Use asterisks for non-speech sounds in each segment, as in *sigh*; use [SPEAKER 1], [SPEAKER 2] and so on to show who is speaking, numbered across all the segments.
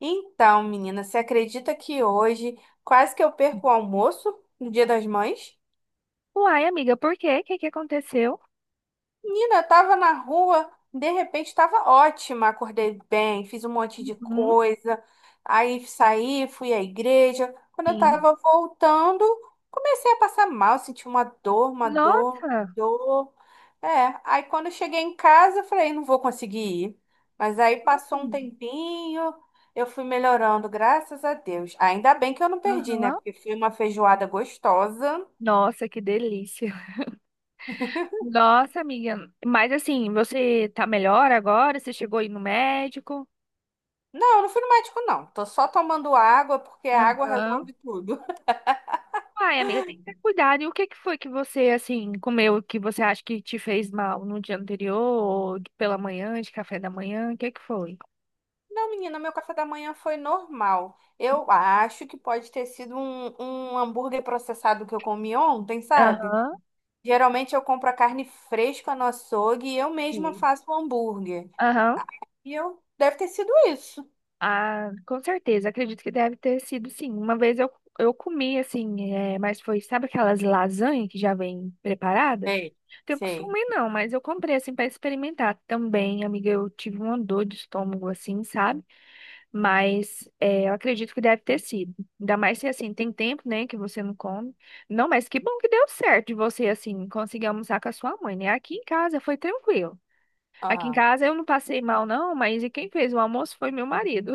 [SPEAKER 1] Então, menina, você acredita que hoje quase que eu perco o almoço no Dia das Mães?
[SPEAKER 2] Uai, amiga, por quê? O que que aconteceu?
[SPEAKER 1] Menina, tava na rua, de repente tava ótima, acordei bem, fiz um monte de
[SPEAKER 2] Uhum,
[SPEAKER 1] coisa, aí saí, fui à igreja. Quando eu
[SPEAKER 2] sim.
[SPEAKER 1] tava voltando, comecei a passar mal, senti uma dor, uma dor, uma
[SPEAKER 2] Nossa!
[SPEAKER 1] dor. É, aí quando eu cheguei em casa, eu falei, não vou conseguir ir. Mas aí passou um
[SPEAKER 2] Hum,
[SPEAKER 1] tempinho, eu fui melhorando, graças a Deus. Ainda bem que eu não perdi, né?
[SPEAKER 2] Aham.
[SPEAKER 1] Porque foi uma feijoada gostosa.
[SPEAKER 2] Nossa, que delícia. Nossa, amiga. Mas assim, você tá melhor agora? Você chegou aí no médico?
[SPEAKER 1] Não, eu não fui no médico, não. Tô só tomando água, porque a água
[SPEAKER 2] Aham.
[SPEAKER 1] resolve tudo. *laughs*
[SPEAKER 2] Uai, amiga, tem que ter cuidado. E o que que foi que você, assim, comeu que você acha que te fez mal no dia anterior, ou pela manhã, de café da manhã? O que que foi?
[SPEAKER 1] Não, menina, meu café da manhã foi normal. Eu acho que pode ter sido um hambúrguer processado que eu comi ontem, sabe?
[SPEAKER 2] Aham.
[SPEAKER 1] Geralmente eu compro a carne fresca no açougue e eu mesma
[SPEAKER 2] Sim.
[SPEAKER 1] faço o hambúrguer.
[SPEAKER 2] Aham.
[SPEAKER 1] E eu deve ter sido isso.
[SPEAKER 2] Ah, com certeza, acredito que deve ter sido sim. Uma vez eu comi assim, mas foi, sabe aquelas lasanha que já vem preparada?
[SPEAKER 1] Sei.
[SPEAKER 2] Tenho
[SPEAKER 1] Sei.
[SPEAKER 2] costume não, mas eu comprei assim para experimentar também, amiga. Eu tive uma dor de estômago assim, sabe? Mas é, eu acredito que deve ter sido. Ainda mais se assim, tem tempo, né, que você não come. Não, mas que bom que deu certo de você assim conseguir almoçar com a sua mãe, né? Aqui em casa foi tranquilo. Aqui em
[SPEAKER 1] Aham.
[SPEAKER 2] casa eu não passei mal não, mas e quem fez o almoço foi meu marido.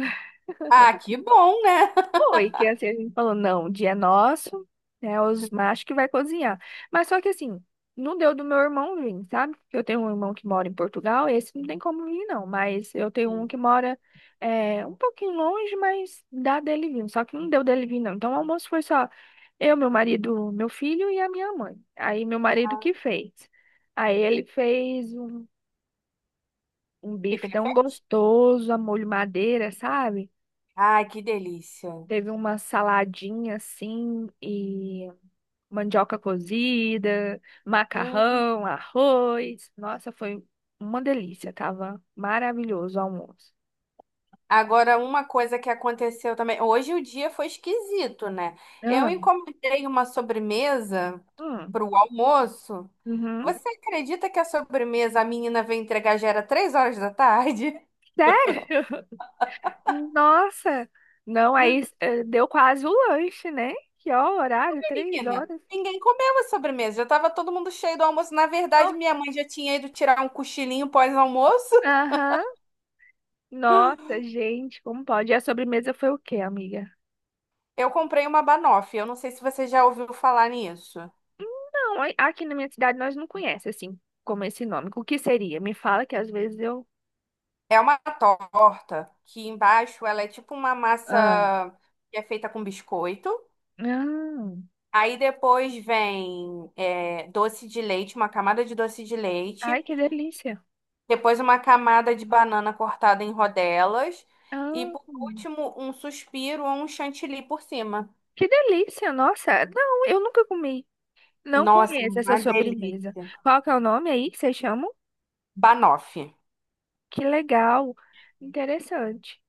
[SPEAKER 1] Ah, que bom, né? *laughs*
[SPEAKER 2] Foi, que assim, a gente falou, não, o dia é nosso, né? Os machos que vai cozinhar. Mas só que assim, não deu do meu irmão vir, sabe? Eu tenho um irmão que mora em Portugal, esse não tem como vir, não. Mas eu tenho um
[SPEAKER 1] Sim.
[SPEAKER 2] que mora um pouquinho longe, mas dá dele vir. Só que não deu dele vir, não. Então o almoço foi só eu, meu marido, meu filho e a minha mãe. Aí meu marido que fez. Aí ele fez um
[SPEAKER 1] O que
[SPEAKER 2] bife
[SPEAKER 1] que ele
[SPEAKER 2] tão
[SPEAKER 1] fez?
[SPEAKER 2] gostoso, a molho madeira, sabe?
[SPEAKER 1] Ai, que delícia.
[SPEAKER 2] Teve uma saladinha assim e mandioca cozida,
[SPEAKER 1] Hum.
[SPEAKER 2] macarrão, arroz. Nossa, foi uma delícia. Tava maravilhoso o almoço.
[SPEAKER 1] Agora, uma coisa que aconteceu também. Hoje o dia foi esquisito, né? Eu
[SPEAKER 2] Ah,
[SPEAKER 1] encomendei uma sobremesa
[SPEAKER 2] hum,
[SPEAKER 1] para o almoço.
[SPEAKER 2] uhum.
[SPEAKER 1] Você acredita que a sobremesa a menina veio entregar já era 3 horas da tarde?
[SPEAKER 2] Sério? *laughs* Nossa! Não,
[SPEAKER 1] *laughs*
[SPEAKER 2] deu quase o lanche, né? Que ó, horário, três
[SPEAKER 1] Menina,
[SPEAKER 2] horas.
[SPEAKER 1] ninguém comeu a sobremesa. Já tava todo mundo cheio do almoço. Na verdade,
[SPEAKER 2] Não.
[SPEAKER 1] minha mãe já tinha ido tirar um cochilinho pós-almoço.
[SPEAKER 2] Aham. Nossa, gente, como pode? E a sobremesa foi o quê, amiga?
[SPEAKER 1] Eu comprei uma banoffee. Eu não sei se você já ouviu falar nisso.
[SPEAKER 2] Não, aqui na minha cidade nós não conhecemos assim como esse nome. O que seria? Me fala que às vezes eu.
[SPEAKER 1] É uma torta que embaixo ela é tipo uma massa
[SPEAKER 2] Ah.
[SPEAKER 1] que é feita com biscoito.
[SPEAKER 2] Ah,
[SPEAKER 1] Aí depois vem doce de leite, uma camada de doce de
[SPEAKER 2] ai,
[SPEAKER 1] leite.
[SPEAKER 2] que delícia.
[SPEAKER 1] Depois uma camada de banana cortada em rodelas. E
[SPEAKER 2] Ah,
[SPEAKER 1] por último, um suspiro ou um chantilly por cima.
[SPEAKER 2] que delícia, nossa. Não, eu nunca comi. Não
[SPEAKER 1] Nossa,
[SPEAKER 2] conheço essa
[SPEAKER 1] uma
[SPEAKER 2] sobremesa.
[SPEAKER 1] delícia.
[SPEAKER 2] Qual que é o nome aí que vocês chamam?
[SPEAKER 1] Banoffee.
[SPEAKER 2] Que legal. Interessante.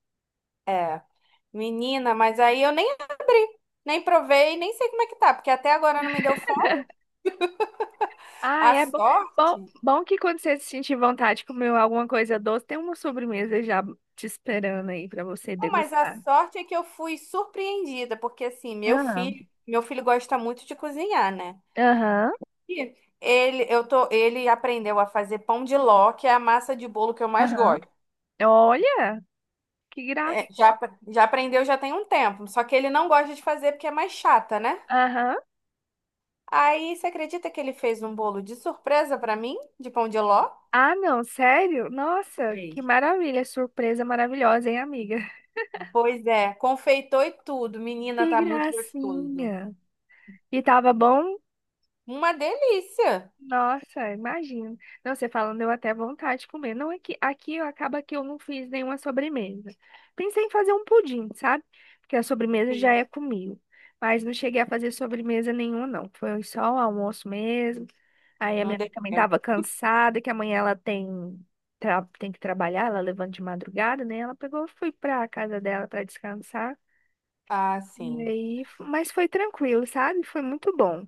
[SPEAKER 1] É. Menina, mas aí eu nem abri, nem provei, nem sei como é que tá, porque até agora não me deu fome.
[SPEAKER 2] Ah,
[SPEAKER 1] A
[SPEAKER 2] é bom, bom,
[SPEAKER 1] sorte.
[SPEAKER 2] bom que quando você sentir vontade de comer alguma coisa doce, tem uma sobremesa já te esperando aí para você
[SPEAKER 1] Bom, mas a
[SPEAKER 2] degustar.
[SPEAKER 1] sorte é que eu fui surpreendida, porque assim,
[SPEAKER 2] Ah,
[SPEAKER 1] meu filho gosta muito de cozinhar, né?
[SPEAKER 2] aham,
[SPEAKER 1] E ele aprendeu a fazer pão de ló, que é a massa de bolo que eu mais
[SPEAKER 2] aham.
[SPEAKER 1] gosto.
[SPEAKER 2] Olha! Que graça.
[SPEAKER 1] É, já, já aprendeu já tem um tempo, só que ele não gosta de fazer porque é mais chata, né?
[SPEAKER 2] Aham.
[SPEAKER 1] Aí, você acredita que ele fez um bolo de surpresa pra mim, de pão de ló?
[SPEAKER 2] Ah, não, sério? Nossa, que
[SPEAKER 1] Sei.
[SPEAKER 2] maravilha, surpresa maravilhosa, hein, amiga?
[SPEAKER 1] Pois é, confeitou e tudo. Menina,
[SPEAKER 2] Que
[SPEAKER 1] tá muito gostoso.
[SPEAKER 2] gracinha. E tava bom?
[SPEAKER 1] Uma delícia.
[SPEAKER 2] Nossa, imagino. Não, você falando, deu até vontade de comer. Não é que aqui acaba que eu não fiz nenhuma sobremesa. Pensei em fazer um pudim, sabe? Porque a sobremesa já
[SPEAKER 1] Sim,
[SPEAKER 2] é comigo. Mas não cheguei a fazer sobremesa nenhuma, não. Foi só o almoço mesmo. Aí a
[SPEAKER 1] não
[SPEAKER 2] minha
[SPEAKER 1] deu
[SPEAKER 2] mãe também estava
[SPEAKER 1] tempo.
[SPEAKER 2] cansada, que amanhã ela tem, tem que trabalhar, ela levanta de madrugada, né? Ela pegou, e fui pra casa dela para descansar.
[SPEAKER 1] Ah,
[SPEAKER 2] E
[SPEAKER 1] sim.
[SPEAKER 2] aí, mas foi tranquilo, sabe? Foi muito bom.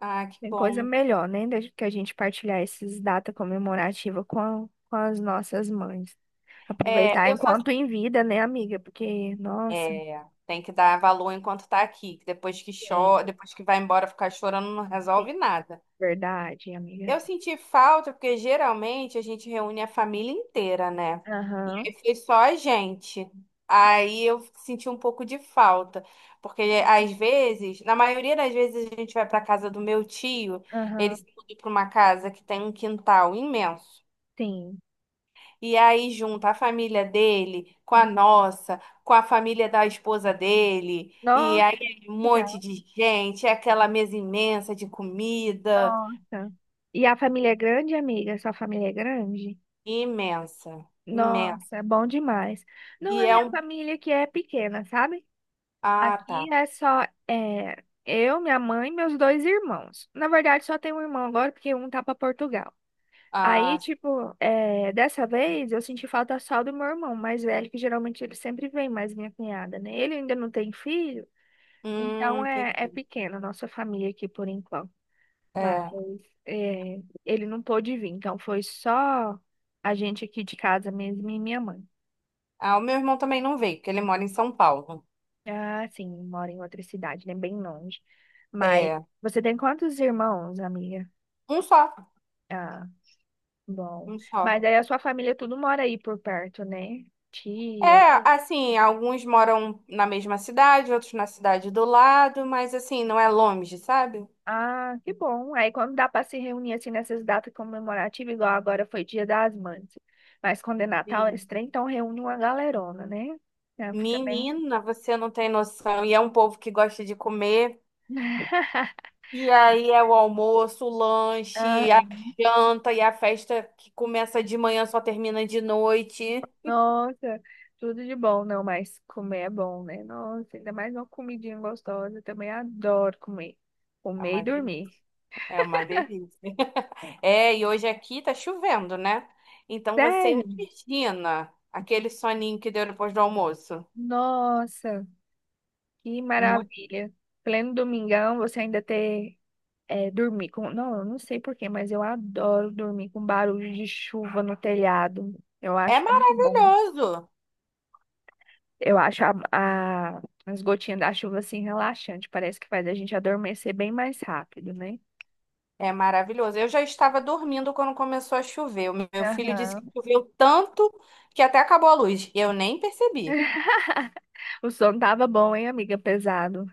[SPEAKER 1] Ah, que
[SPEAKER 2] Tem coisa
[SPEAKER 1] bom.
[SPEAKER 2] melhor, né? Do que a gente partilhar essas datas comemorativas com as nossas mães.
[SPEAKER 1] É,
[SPEAKER 2] Aproveitar
[SPEAKER 1] eu só
[SPEAKER 2] enquanto em vida, né, amiga? Porque, nossa,
[SPEAKER 1] tem que dar valor enquanto tá aqui, que depois que
[SPEAKER 2] sim,
[SPEAKER 1] chora, depois que vai embora ficar chorando não
[SPEAKER 2] sim.
[SPEAKER 1] resolve nada.
[SPEAKER 2] Verdade, amiga.
[SPEAKER 1] Eu senti falta porque geralmente a gente reúne a família inteira, né? E
[SPEAKER 2] Aham,
[SPEAKER 1] aí foi só a gente. Aí eu senti um pouco de falta, porque às vezes, na maioria das vezes a gente vai para casa do meu tio, ele se
[SPEAKER 2] aham,
[SPEAKER 1] mudou para uma casa que tem um quintal imenso.
[SPEAKER 2] sim.
[SPEAKER 1] E aí junta a família dele com a
[SPEAKER 2] Ah,
[SPEAKER 1] nossa, com a família da esposa dele, e
[SPEAKER 2] nossa,
[SPEAKER 1] aí é um
[SPEAKER 2] que
[SPEAKER 1] monte
[SPEAKER 2] legal.
[SPEAKER 1] de gente, é aquela mesa imensa de comida,
[SPEAKER 2] Nossa. E a família é grande, amiga? Sua família é grande?
[SPEAKER 1] imensa, imensa.
[SPEAKER 2] Nossa, é bom demais. Não,
[SPEAKER 1] E
[SPEAKER 2] a
[SPEAKER 1] é
[SPEAKER 2] minha
[SPEAKER 1] um.
[SPEAKER 2] família que é pequena, sabe?
[SPEAKER 1] Ah, tá.
[SPEAKER 2] Aqui é só eu, minha mãe e meus dois irmãos. Na verdade, só tem um irmão agora, porque um tá pra Portugal. Aí,
[SPEAKER 1] Ah,
[SPEAKER 2] tipo, dessa vez eu senti falta só do meu irmão mais velho, que geralmente ele sempre vem, mais minha cunhada, né? Ele ainda não tem filho, então é
[SPEAKER 1] entendi.
[SPEAKER 2] pequena a nossa família aqui por enquanto. Mas
[SPEAKER 1] É.
[SPEAKER 2] é, ele não pôde vir, então foi só a gente aqui de casa mesmo e minha mãe.
[SPEAKER 1] Ah, o meu irmão também não veio, porque ele mora em São Paulo.
[SPEAKER 2] Ah, sim, mora em outra cidade, né? Bem longe. Mas
[SPEAKER 1] É,
[SPEAKER 2] você tem quantos irmãos, amiga?
[SPEAKER 1] um só,
[SPEAKER 2] Ah, bom.
[SPEAKER 1] um só.
[SPEAKER 2] Mas aí a sua família tudo mora aí por perto, né?
[SPEAKER 1] É,
[SPEAKER 2] Tia.
[SPEAKER 1] assim, alguns moram na mesma cidade, outros na cidade do lado, mas assim, não é longe, sabe?
[SPEAKER 2] Ah, que bom. Aí quando dá para se reunir assim nessas datas comemorativas, igual agora foi Dia das Mães. Mas quando é Natal, eles trem, então reúne uma galerona, né? Então fica bem.
[SPEAKER 1] Menina, você não tem noção. E é um povo que gosta de comer.
[SPEAKER 2] *laughs*
[SPEAKER 1] E aí é o almoço, o
[SPEAKER 2] Ah,
[SPEAKER 1] lanche, a janta e a festa que começa de manhã só termina de noite.
[SPEAKER 2] nossa, tudo de bom, não, mas comer é bom, né? Nossa, ainda mais uma comidinha gostosa, eu também adoro comer.
[SPEAKER 1] É
[SPEAKER 2] Comer e
[SPEAKER 1] uma delícia.
[SPEAKER 2] dormir.
[SPEAKER 1] É uma delícia. É, e hoje aqui tá chovendo, né? Então você
[SPEAKER 2] Sério?
[SPEAKER 1] imagina aquele soninho que deu depois do almoço.
[SPEAKER 2] Nossa, que
[SPEAKER 1] Muito.
[SPEAKER 2] maravilha. Pleno domingão, você ainda ter dormir com. Não, eu não sei porquê, mas eu adoro dormir com barulho de chuva no telhado. Eu
[SPEAKER 1] É
[SPEAKER 2] acho muito bom.
[SPEAKER 1] maravilhoso.
[SPEAKER 2] Eu acho as gotinhas da chuva assim relaxante. Parece que faz a gente adormecer bem mais rápido, né?
[SPEAKER 1] É maravilhoso. Eu já estava dormindo quando começou a chover. O meu filho disse que
[SPEAKER 2] Aham.
[SPEAKER 1] choveu tanto que até acabou a luz. Eu nem percebi.
[SPEAKER 2] *laughs* O som tava bom, hein, amiga? Pesado.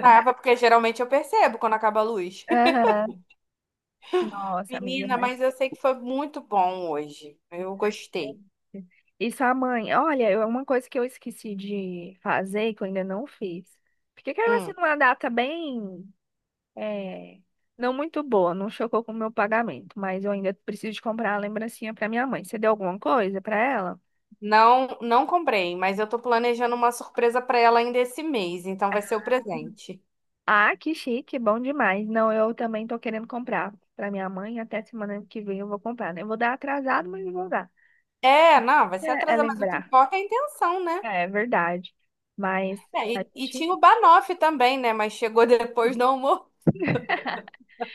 [SPEAKER 1] Tava, porque geralmente eu percebo quando acaba a luz.
[SPEAKER 2] Aham.
[SPEAKER 1] *laughs*
[SPEAKER 2] Nossa, amiga,
[SPEAKER 1] Menina,
[SPEAKER 2] mas.
[SPEAKER 1] mas eu sei que foi muito bom hoje. Eu gostei.
[SPEAKER 2] E sua mãe? Olha, uma coisa que eu esqueci de fazer, que eu ainda não fiz. Porque caiu assim
[SPEAKER 1] Hum.
[SPEAKER 2] numa data bem. é, não muito boa, não chocou com o meu pagamento, mas eu ainda preciso de comprar a lembrancinha pra minha mãe. Você deu alguma coisa pra ela?
[SPEAKER 1] Não, não comprei, mas eu tô planejando uma surpresa para ela ainda esse mês, então vai ser o presente.
[SPEAKER 2] Ah, que chique, bom demais. Não, eu também tô querendo comprar pra minha mãe. Até semana que vem eu vou comprar, né? Eu vou dar atrasado, mas eu vou dar.
[SPEAKER 1] É, não, vai ser
[SPEAKER 2] É, é
[SPEAKER 1] atrasado, mas o que
[SPEAKER 2] lembrar.
[SPEAKER 1] importa é a intenção, né?
[SPEAKER 2] É verdade. Mas
[SPEAKER 1] É,
[SPEAKER 2] a
[SPEAKER 1] e, e
[SPEAKER 2] gente
[SPEAKER 1] tinha o Banoff também, né? Mas chegou *laughs* depois do almoço.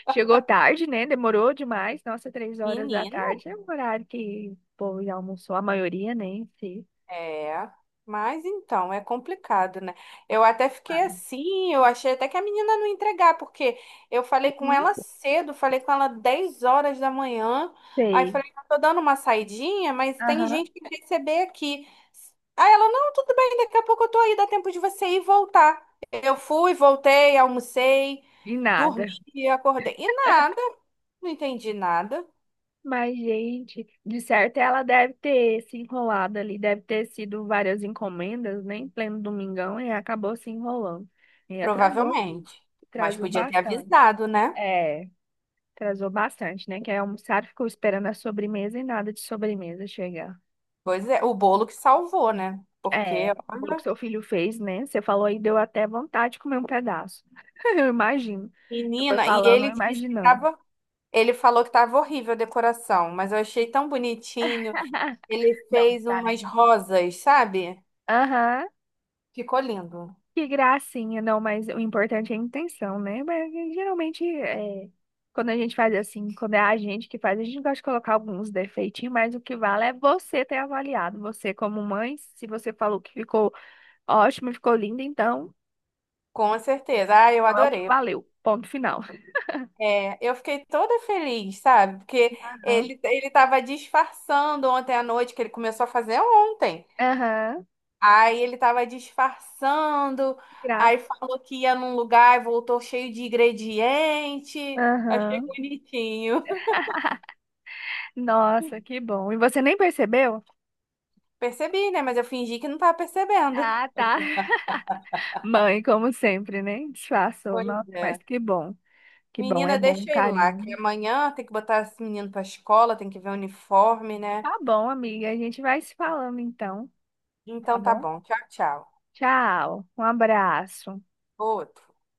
[SPEAKER 2] chegou tarde, né? Demorou demais. Nossa, três horas da
[SPEAKER 1] Menina.
[SPEAKER 2] tarde é um horário que o povo já almoçou, a maioria, né? Em si.
[SPEAKER 1] É, mas então, é complicado, né? Eu até fiquei
[SPEAKER 2] Ai,
[SPEAKER 1] assim, eu achei até que a menina não ia entregar, porque eu falei com ela
[SPEAKER 2] não
[SPEAKER 1] cedo, falei com ela 10 horas da manhã, aí
[SPEAKER 2] sei.
[SPEAKER 1] falei, eu tô dando uma saidinha, mas tem
[SPEAKER 2] Aham.
[SPEAKER 1] gente que quer receber aqui. Aí ela, não, tudo bem, daqui a pouco eu tô aí, dá tempo de você ir e voltar. Eu fui, voltei, almocei,
[SPEAKER 2] De
[SPEAKER 1] dormi
[SPEAKER 2] nada.
[SPEAKER 1] e acordei. E nada, não entendi nada,
[SPEAKER 2] Mas, gente, de certo ela deve ter se enrolado ali, deve ter sido várias encomendas, né? Em pleno domingão, e acabou se enrolando. E atrasou,
[SPEAKER 1] provavelmente. Mas
[SPEAKER 2] atrasou
[SPEAKER 1] podia ter
[SPEAKER 2] bastante.
[SPEAKER 1] avisado, né?
[SPEAKER 2] É. Atrasou bastante, né? Que quer almoçar, ficou esperando a sobremesa e nada de sobremesa chegar.
[SPEAKER 1] Pois é, o bolo que salvou, né?
[SPEAKER 2] É,
[SPEAKER 1] Porque,
[SPEAKER 2] o bolo que
[SPEAKER 1] olha,
[SPEAKER 2] seu filho fez, né? Você falou aí, deu até vontade de comer um pedaço. *laughs* Eu imagino. Eu
[SPEAKER 1] menina, e
[SPEAKER 2] falando, eu
[SPEAKER 1] ele disse que
[SPEAKER 2] imaginando.
[SPEAKER 1] tava, ele falou que tava horrível a decoração, mas eu achei tão bonitinho.
[SPEAKER 2] *laughs*
[SPEAKER 1] Ele
[SPEAKER 2] Não, que
[SPEAKER 1] fez umas
[SPEAKER 2] parente.
[SPEAKER 1] rosas, sabe?
[SPEAKER 2] Aham,
[SPEAKER 1] Ficou lindo.
[SPEAKER 2] que gracinha. Não, mas o importante é a intenção, né? Mas, geralmente, quando a gente faz assim, quando é a gente que faz, a gente gosta de colocar alguns defeitinhos, mas o que vale é você ter avaliado. Você, como mãe, se você falou que ficou ótimo, ficou lindo, então.
[SPEAKER 1] Com certeza. Ah, eu
[SPEAKER 2] Não é o que
[SPEAKER 1] adorei.
[SPEAKER 2] valeu. Ponto final.
[SPEAKER 1] É, eu fiquei toda feliz, sabe? Porque
[SPEAKER 2] Aham,
[SPEAKER 1] ele tava disfarçando ontem à noite, que ele começou a fazer ontem.
[SPEAKER 2] aham,
[SPEAKER 1] Aí ele tava disfarçando,
[SPEAKER 2] que graça.
[SPEAKER 1] aí falou que ia num lugar e voltou cheio de ingrediente. Achei
[SPEAKER 2] Aham.
[SPEAKER 1] bonitinho. *laughs*
[SPEAKER 2] Nossa, que bom. E você nem percebeu?
[SPEAKER 1] Percebi, né? Mas eu fingi que não tava percebendo.
[SPEAKER 2] Ah, tá. Mãe, como sempre, né? Disfarçou.
[SPEAKER 1] Pois
[SPEAKER 2] Nossa, mas
[SPEAKER 1] é.
[SPEAKER 2] que bom. Que bom, é
[SPEAKER 1] Menina,
[SPEAKER 2] bom,
[SPEAKER 1] deixa ele lá, que
[SPEAKER 2] carinho.
[SPEAKER 1] amanhã tem que botar esse menino pra escola, tem que ver o uniforme, né?
[SPEAKER 2] Tá bom, amiga. A gente vai se falando então, tá
[SPEAKER 1] Então tá
[SPEAKER 2] bom?
[SPEAKER 1] bom. Tchau, tchau.
[SPEAKER 2] Tchau. Um abraço.
[SPEAKER 1] Outro.